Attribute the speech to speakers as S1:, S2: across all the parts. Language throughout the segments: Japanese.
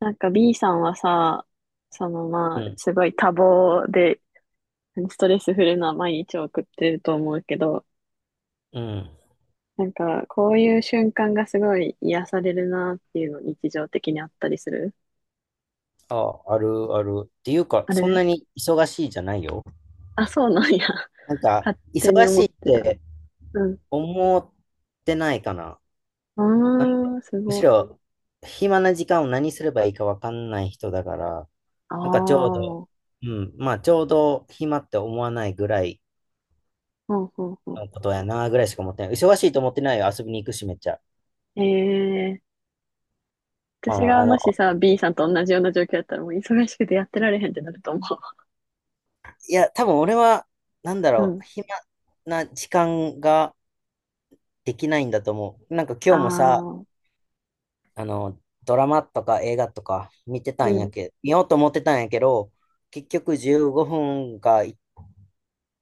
S1: なんか B さんはさ、そのま
S2: う
S1: あ、
S2: ん、
S1: すごい多忙で、ストレスフルな毎日を送ってると思うけど、
S2: うん。
S1: なんかこういう瞬間がすごい癒されるなっていうの日常的にあったりする？
S2: あ、あるある。っていうか、
S1: あ
S2: そんな
S1: れ。
S2: に忙しいじゃないよ。
S1: あ、そうなんや。
S2: なんか、
S1: 勝手に
S2: 忙
S1: 思
S2: しい
S1: っ
S2: っ
S1: てた。
S2: て
S1: うん。
S2: 思ってないかな。なん
S1: うーん、す
S2: む
S1: ご
S2: し
S1: い。
S2: ろ、暇な時間を何すればいいかわかんない人だから、
S1: ああ、
S2: なんかちょうど、
S1: ほ
S2: うん、まあちょうど暇って思わないぐらい
S1: うほうほう。
S2: のことやなぐらいしか思ってない。忙しいと思ってないよ。遊びに行くし、めっちゃ。
S1: ええ、
S2: まあ、
S1: 私
S2: ま
S1: が
S2: あ
S1: も
S2: の、
S1: しさ、B さんと同じような状況だったらもう忙しくてやってられへんってなると思
S2: いや、多分俺は、なんだ
S1: う。う
S2: ろ
S1: ん。
S2: う、暇な時間ができないんだと思う。なんか
S1: あ
S2: 今日もさ、
S1: あ、
S2: ドラマとか映画とか
S1: うん。
S2: 見ようと思ってたんやけど、結局15分かい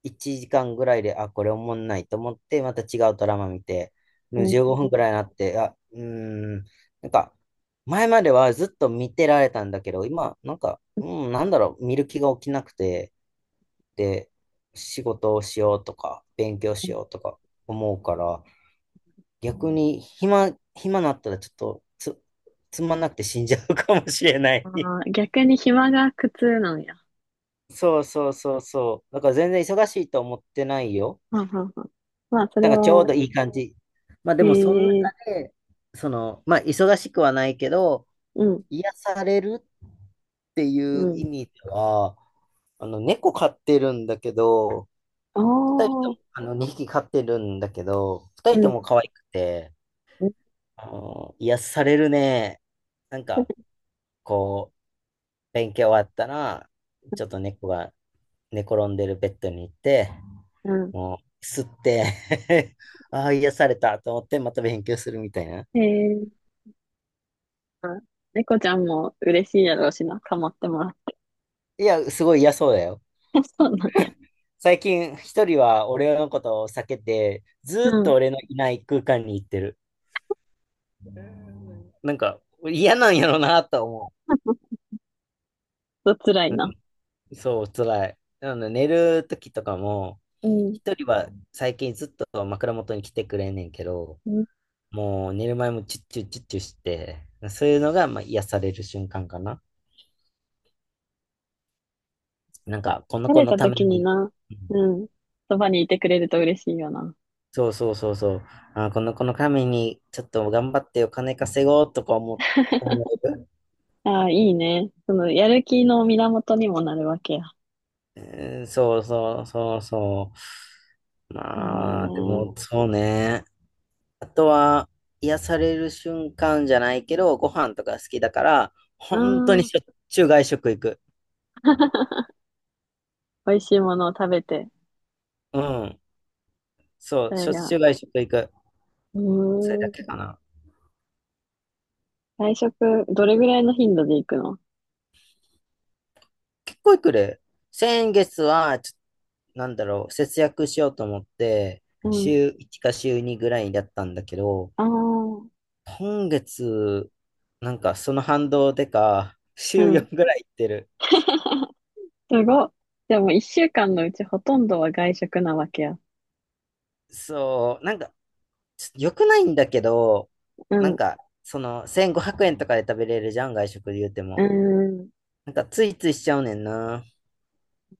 S2: 1時間ぐらいで、あ、これおもんないと思って、また違うドラマ見て、も
S1: う
S2: う
S1: ん。
S2: 15分ぐらいになって、あ、ん、なんか、前まではずっと見てられたんだけど、今、なんか、なんだろう、見る気が起きなくて、で、仕事をしようとか、勉強しようとか思うから、逆に暇、暇なったらちょっとつまんなくて死んじゃうかもしれない。
S1: あ ー逆に暇が苦痛なんや。
S2: そうそうそうそう。だから全然忙しいと思ってないよ。
S1: はんはんはん。まあ、そ
S2: だ
S1: れ
S2: からちょう
S1: は、
S2: どいい感じ。まあで
S1: へ
S2: もその中
S1: え、
S2: で、まあ忙しくはないけど、
S1: うん、
S2: 癒されるってい
S1: う
S2: う意
S1: ん。
S2: 味では、猫飼ってるんだけど、
S1: あ
S2: 二人と
S1: あ、
S2: も、2匹飼ってるんだけど、二
S1: う
S2: 人と
S1: ん、
S2: も可愛くて、
S1: うん、
S2: 癒されるね。なんか、こう、勉強終わったら、ちょっと猫が寝転んでるベッドに行って、
S1: うん。
S2: もう、吸って ああ、癒されたと思って、また勉強するみたいな。
S1: へえ、あ、猫ちゃんも嬉しいやろうしな、かまってもらって。
S2: いや、すごい嫌そうだよ。
S1: そうなんや。
S2: 最近、一人は俺のことを避けて、ずー
S1: う
S2: っと
S1: ん。
S2: 俺のいない空間に行ってる。なんか、嫌なんやろなと思
S1: と辛
S2: う。
S1: いな。
S2: そう、辛い。なので、寝る時とかも、
S1: うん。
S2: 一人は最近ずっと枕元に来てくれんねんけど、
S1: うん、
S2: もう寝る前もチュッチュッチュッチュして、そういうのがまあ癒される瞬間かな。なんか、この
S1: 慣
S2: 子
S1: れ
S2: の
S1: た
S2: た
S1: 時
S2: め
S1: に
S2: に、
S1: な。
S2: う
S1: う
S2: ん、
S1: ん。そばにいてくれると嬉しいよな。
S2: そうそうそうそう、あ、この子のためにちょっと頑張ってお金稼ごうとか思う、思 える。
S1: ああ、いいね。その、やる気の源にもなるわけや。
S2: うん、そうそうそうそう。
S1: へ
S2: まあ、でも
S1: え。
S2: そうね。あとは、癒される瞬間じゃないけど、ご飯とか好きだから、
S1: あ
S2: 本当にしょ
S1: あ、
S2: っちゅう外食行く。
S1: 美味しいものを食べて、
S2: うん、そ
S1: そ
S2: う、し
S1: れ
S2: ょっち
S1: が、
S2: ゅう外食行く。
S1: う
S2: それ
S1: ー
S2: だ
S1: ん。
S2: けかな。
S1: 外食、どれぐらいの頻度で行くの？
S2: 結構来る。先月は、なんだろう、節約しようと思って、
S1: うん。
S2: 週1か週2ぐらいだったんだけど、
S1: ああ、
S2: 今月、なんかその反動でか、
S1: う
S2: 週
S1: ん。
S2: 4ぐらい行ってる。
S1: すごっ。でも一週間のうちほとんどは外食なわけや。
S2: そう、なんか、ちょ良くないんだけど、
S1: う
S2: なん
S1: ん。う
S2: か、1500円とかで食べれるじゃん、外食で言うて
S1: ー
S2: も。
S1: ん。
S2: なんか、ついついしちゃうねんな。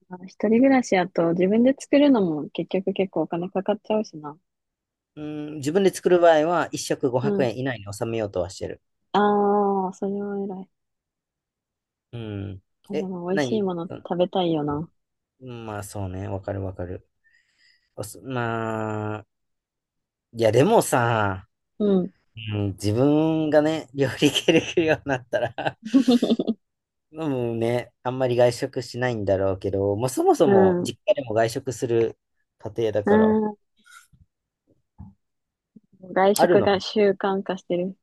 S1: まあ一人暮らしやと自分で作るのも結局結構お金かかっちゃうしな。
S2: うん、自分で作る場合は、1食
S1: う
S2: 500
S1: ん。
S2: 円以内に収めようとはしてる。
S1: ああ、それは偉い。
S2: うん。
S1: あ、で
S2: え、
S1: も美味しい
S2: 何？
S1: もの食べたいよな。
S2: うん、まあそうね、わかるわかる。まあ、いやでもさ、
S1: うん。
S2: うん、自分がね、料理系できるようになったら もうね、あんまり外食しないんだろうけど、まあそもそ
S1: う
S2: も
S1: ん。
S2: 実家でも外食する家庭だ
S1: う
S2: から、
S1: ん。外
S2: ある
S1: 食
S2: の。
S1: が習慣化してる。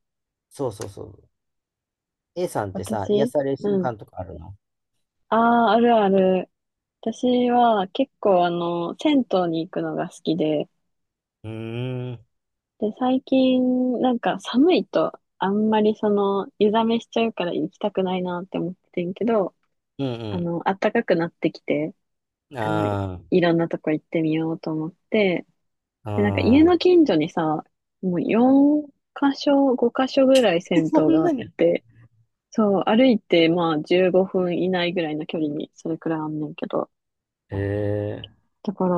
S2: そうそうそう。A さんってさ、癒
S1: 私、
S2: される
S1: う
S2: 瞬
S1: ん。
S2: 間とかあるの？
S1: ああ、あるある。私は結構銭湯に行くのが好きで、
S2: うーん、
S1: で、最近なんか寒いとあんまり湯冷めしちゃうから行きたくないなって思ってんけど、
S2: うん
S1: 暖かくなってきて、
S2: うん。
S1: あの、
S2: あ
S1: いろんなとこ行ってみようと思って、
S2: あ、
S1: で、なんか
S2: あ
S1: 家の
S2: あ。
S1: 近所にさ、もう4箇所、5箇所ぐらい 銭
S2: そ
S1: 湯
S2: ん
S1: があ
S2: な
S1: っ
S2: に。
S1: て、そう、歩いてまあ15分以内ぐらいの距離にそれくらいあんねんけど、
S2: え
S1: だから、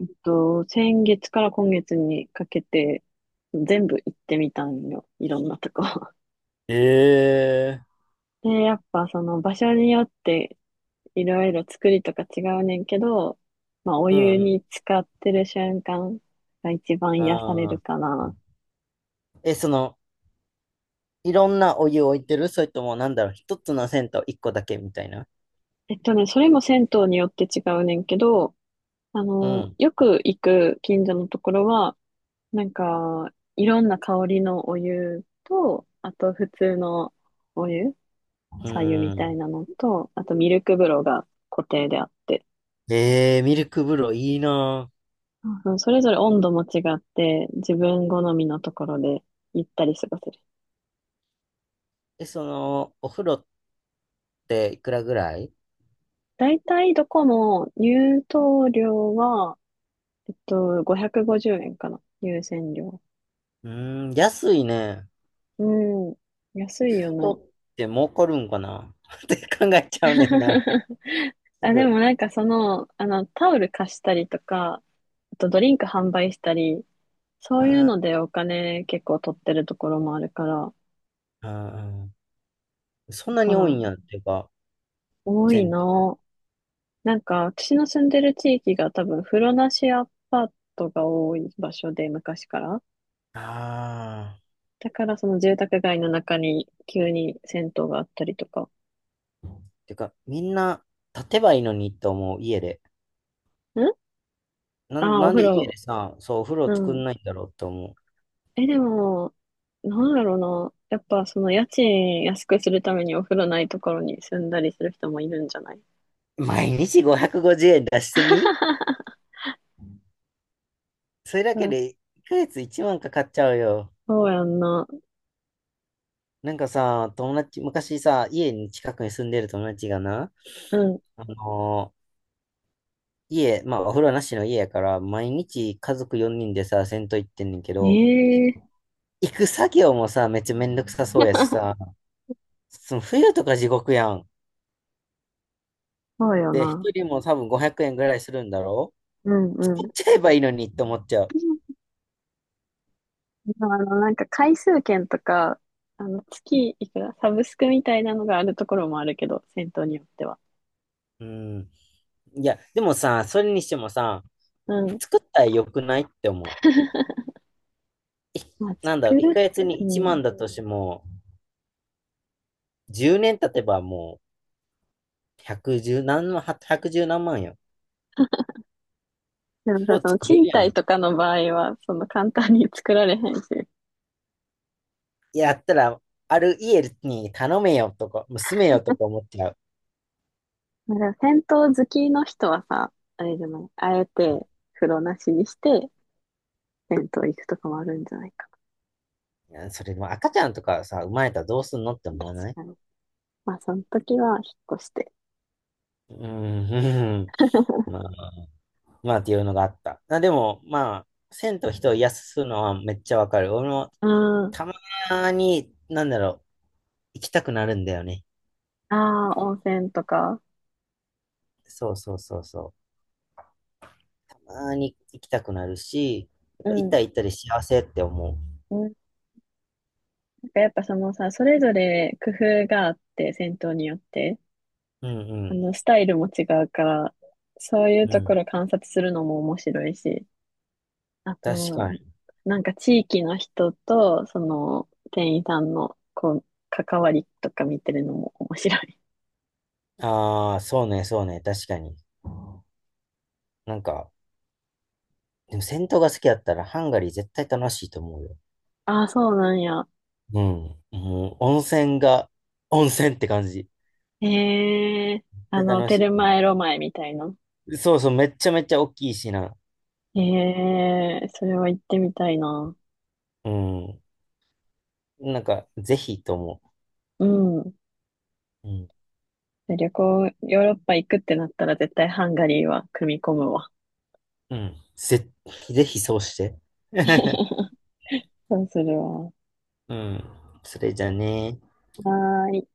S1: 先月から今月にかけて、全部行ってみたんよ。いろんなとこ。
S2: えええ、
S1: で、やっぱその場所によって、いろいろ作りとか違うねんけど、まあ、お
S2: うん
S1: 湯
S2: うん。
S1: に浸かってる瞬間が一番
S2: あ
S1: 癒される
S2: あ。
S1: かな。
S2: え、いろんなお湯を置いてる？それとも、なんだろう、一つの銭湯一個だけみたいな。
S1: それも銭湯によって違うねんけど、
S2: うん。
S1: よく行く近所のところは、なんか、いろんな香りのお湯と、あと普通のお湯
S2: う
S1: 左湯みた
S2: ん。
S1: いなのと、あとミルク風呂が固定であって、
S2: ミルク風呂いいな
S1: うん、それぞれ温度も違って、自分好みのところでゆったり過ごせる。
S2: ぁ。え、お風呂っていくらぐらい？
S1: だいたいどこも入湯料は、550円かな。入選料。
S2: うーん、安いね。
S1: うん。安い
S2: 銭
S1: よ
S2: 湯
S1: な。
S2: って儲かるんかな って考えちゃうねんな。す
S1: あ、で
S2: ぐ。
S1: もなんかタオル貸したりとか、あとドリンク販売したり、そういう
S2: あー
S1: のでお金結構取ってるところもあるから、
S2: あ、ー、そん
S1: だ
S2: な
S1: か
S2: に
S1: ら、
S2: 多いんやっていうか、
S1: 多い
S2: 銭湯。
S1: な。なんか、私の住んでる地域が多分、風呂なしアパートが多い場所で、昔から。
S2: ああ、
S1: だから、その住宅街の中に急に銭湯があったりとか。
S2: てか、みんな立てばいいのにと思う、家で。
S1: ん。
S2: な
S1: あ
S2: ん、
S1: あー、お
S2: なん
S1: 風
S2: で家
S1: 呂。
S2: でさ、そう、お風呂
S1: う
S2: 作ん
S1: ん。
S2: ないんだろうと思う。
S1: え、でも、なんだろうな。やっぱ、その家賃安くするためにお風呂ないところに住んだりする人もいるんじゃない？
S2: 毎日550円出してみ、 それだ
S1: う
S2: け
S1: ん、
S2: で1ヶ月1万かかっちゃうよ。
S1: そうやんな。
S2: なんかさ、友達、昔さ、家に近くに住んでる友達がな、
S1: う
S2: あのー家、まあお風呂なしの家やから、毎日家族4人でさ、銭湯行ってんねんけ
S1: ん。
S2: ど、
S1: ええ。
S2: 行く作業もさ、めっちゃめんどくさそうやしさ、その冬とか地獄やん。
S1: そうよ
S2: で、一
S1: な。
S2: 人も多分500円ぐらいするんだろ、
S1: うん
S2: 使
S1: うん。
S2: っちゃえばいいのにって思っちゃう。
S1: まあなんか回数券とか、月いくら、サブスクみたいなのがあるところもあるけど、銭湯によっては。
S2: うん。いや、でもさ、それにしてもさ、
S1: うん。
S2: 作ったら良くないって思う。
S1: まあ、
S2: なんだろう、
S1: 作
S2: 1
S1: る、
S2: ヶ月に
S1: う
S2: 1
S1: ん。
S2: 万だとしても、10年経てばもう、110何万、1 1何万よ。
S1: でも
S2: それ
S1: さ、
S2: を
S1: その
S2: 作れる
S1: 賃
S2: や
S1: 貸
S2: ん。
S1: とかの場合は、その簡単に作られへんし。
S2: やったら、ある家に頼めよとか、住めよとか思っちゃう。
S1: まあ、でも銭湯好きの人はさ、あれじゃない、あえて風呂なしにして、銭湯行くとかもあるんじゃないか
S2: いやそれでも赤ちゃんとかさ、生まれたらどうすんのって
S1: な。
S2: 思わ
S1: 確
S2: ない？
S1: かに。まあ、その時は引っ越して。
S2: うーん、まあ、まあっていうのがあった。あ、でも、まあ、銭湯人を癒すのはめっちゃわかる。俺も
S1: うん。
S2: たまに、なんだろう、行きたくなるんだよね。
S1: ああ、温泉とか。
S2: そうそうそうそう。あに行きたくなるし、やっ
S1: う
S2: ぱ行った
S1: ん。
S2: ら行ったで幸せって思
S1: うん、やっぱそのさ、それぞれ工夫があって、戦闘によって、
S2: う。うん
S1: スタイルも違うから、そういう
S2: うん。う
S1: とこ
S2: ん。
S1: ろ観察するのも面白いし、あ
S2: 確
S1: と、
S2: かに。
S1: なんか地域の人と、その、店員さんの、こう、関わりとか見てるのも面白い。
S2: ああ、そうね、そうね、確かに。なんか、でも銭湯が好きだったらハンガリー絶対楽しいと思うよ。
S1: ああ、そうなんや。
S2: うん。もう温泉が、温泉って感じ。
S1: へえ、
S2: 絶対楽
S1: テ
S2: しい
S1: ル
S2: と
S1: マ
S2: 思
S1: エロマエみたいな。
S2: う。そうそう、めっちゃめちゃ大きいしな。
S1: へえ、それは行ってみたいな。
S2: うん。なんか、ぜひと思
S1: うん。
S2: う。うん。
S1: 旅行、ヨーロッパ行くってなったら絶対ハンガリーは組み込むわ。
S2: うん。ぜひそうして。
S1: そうするわ。
S2: うん。それじゃね。
S1: はーい。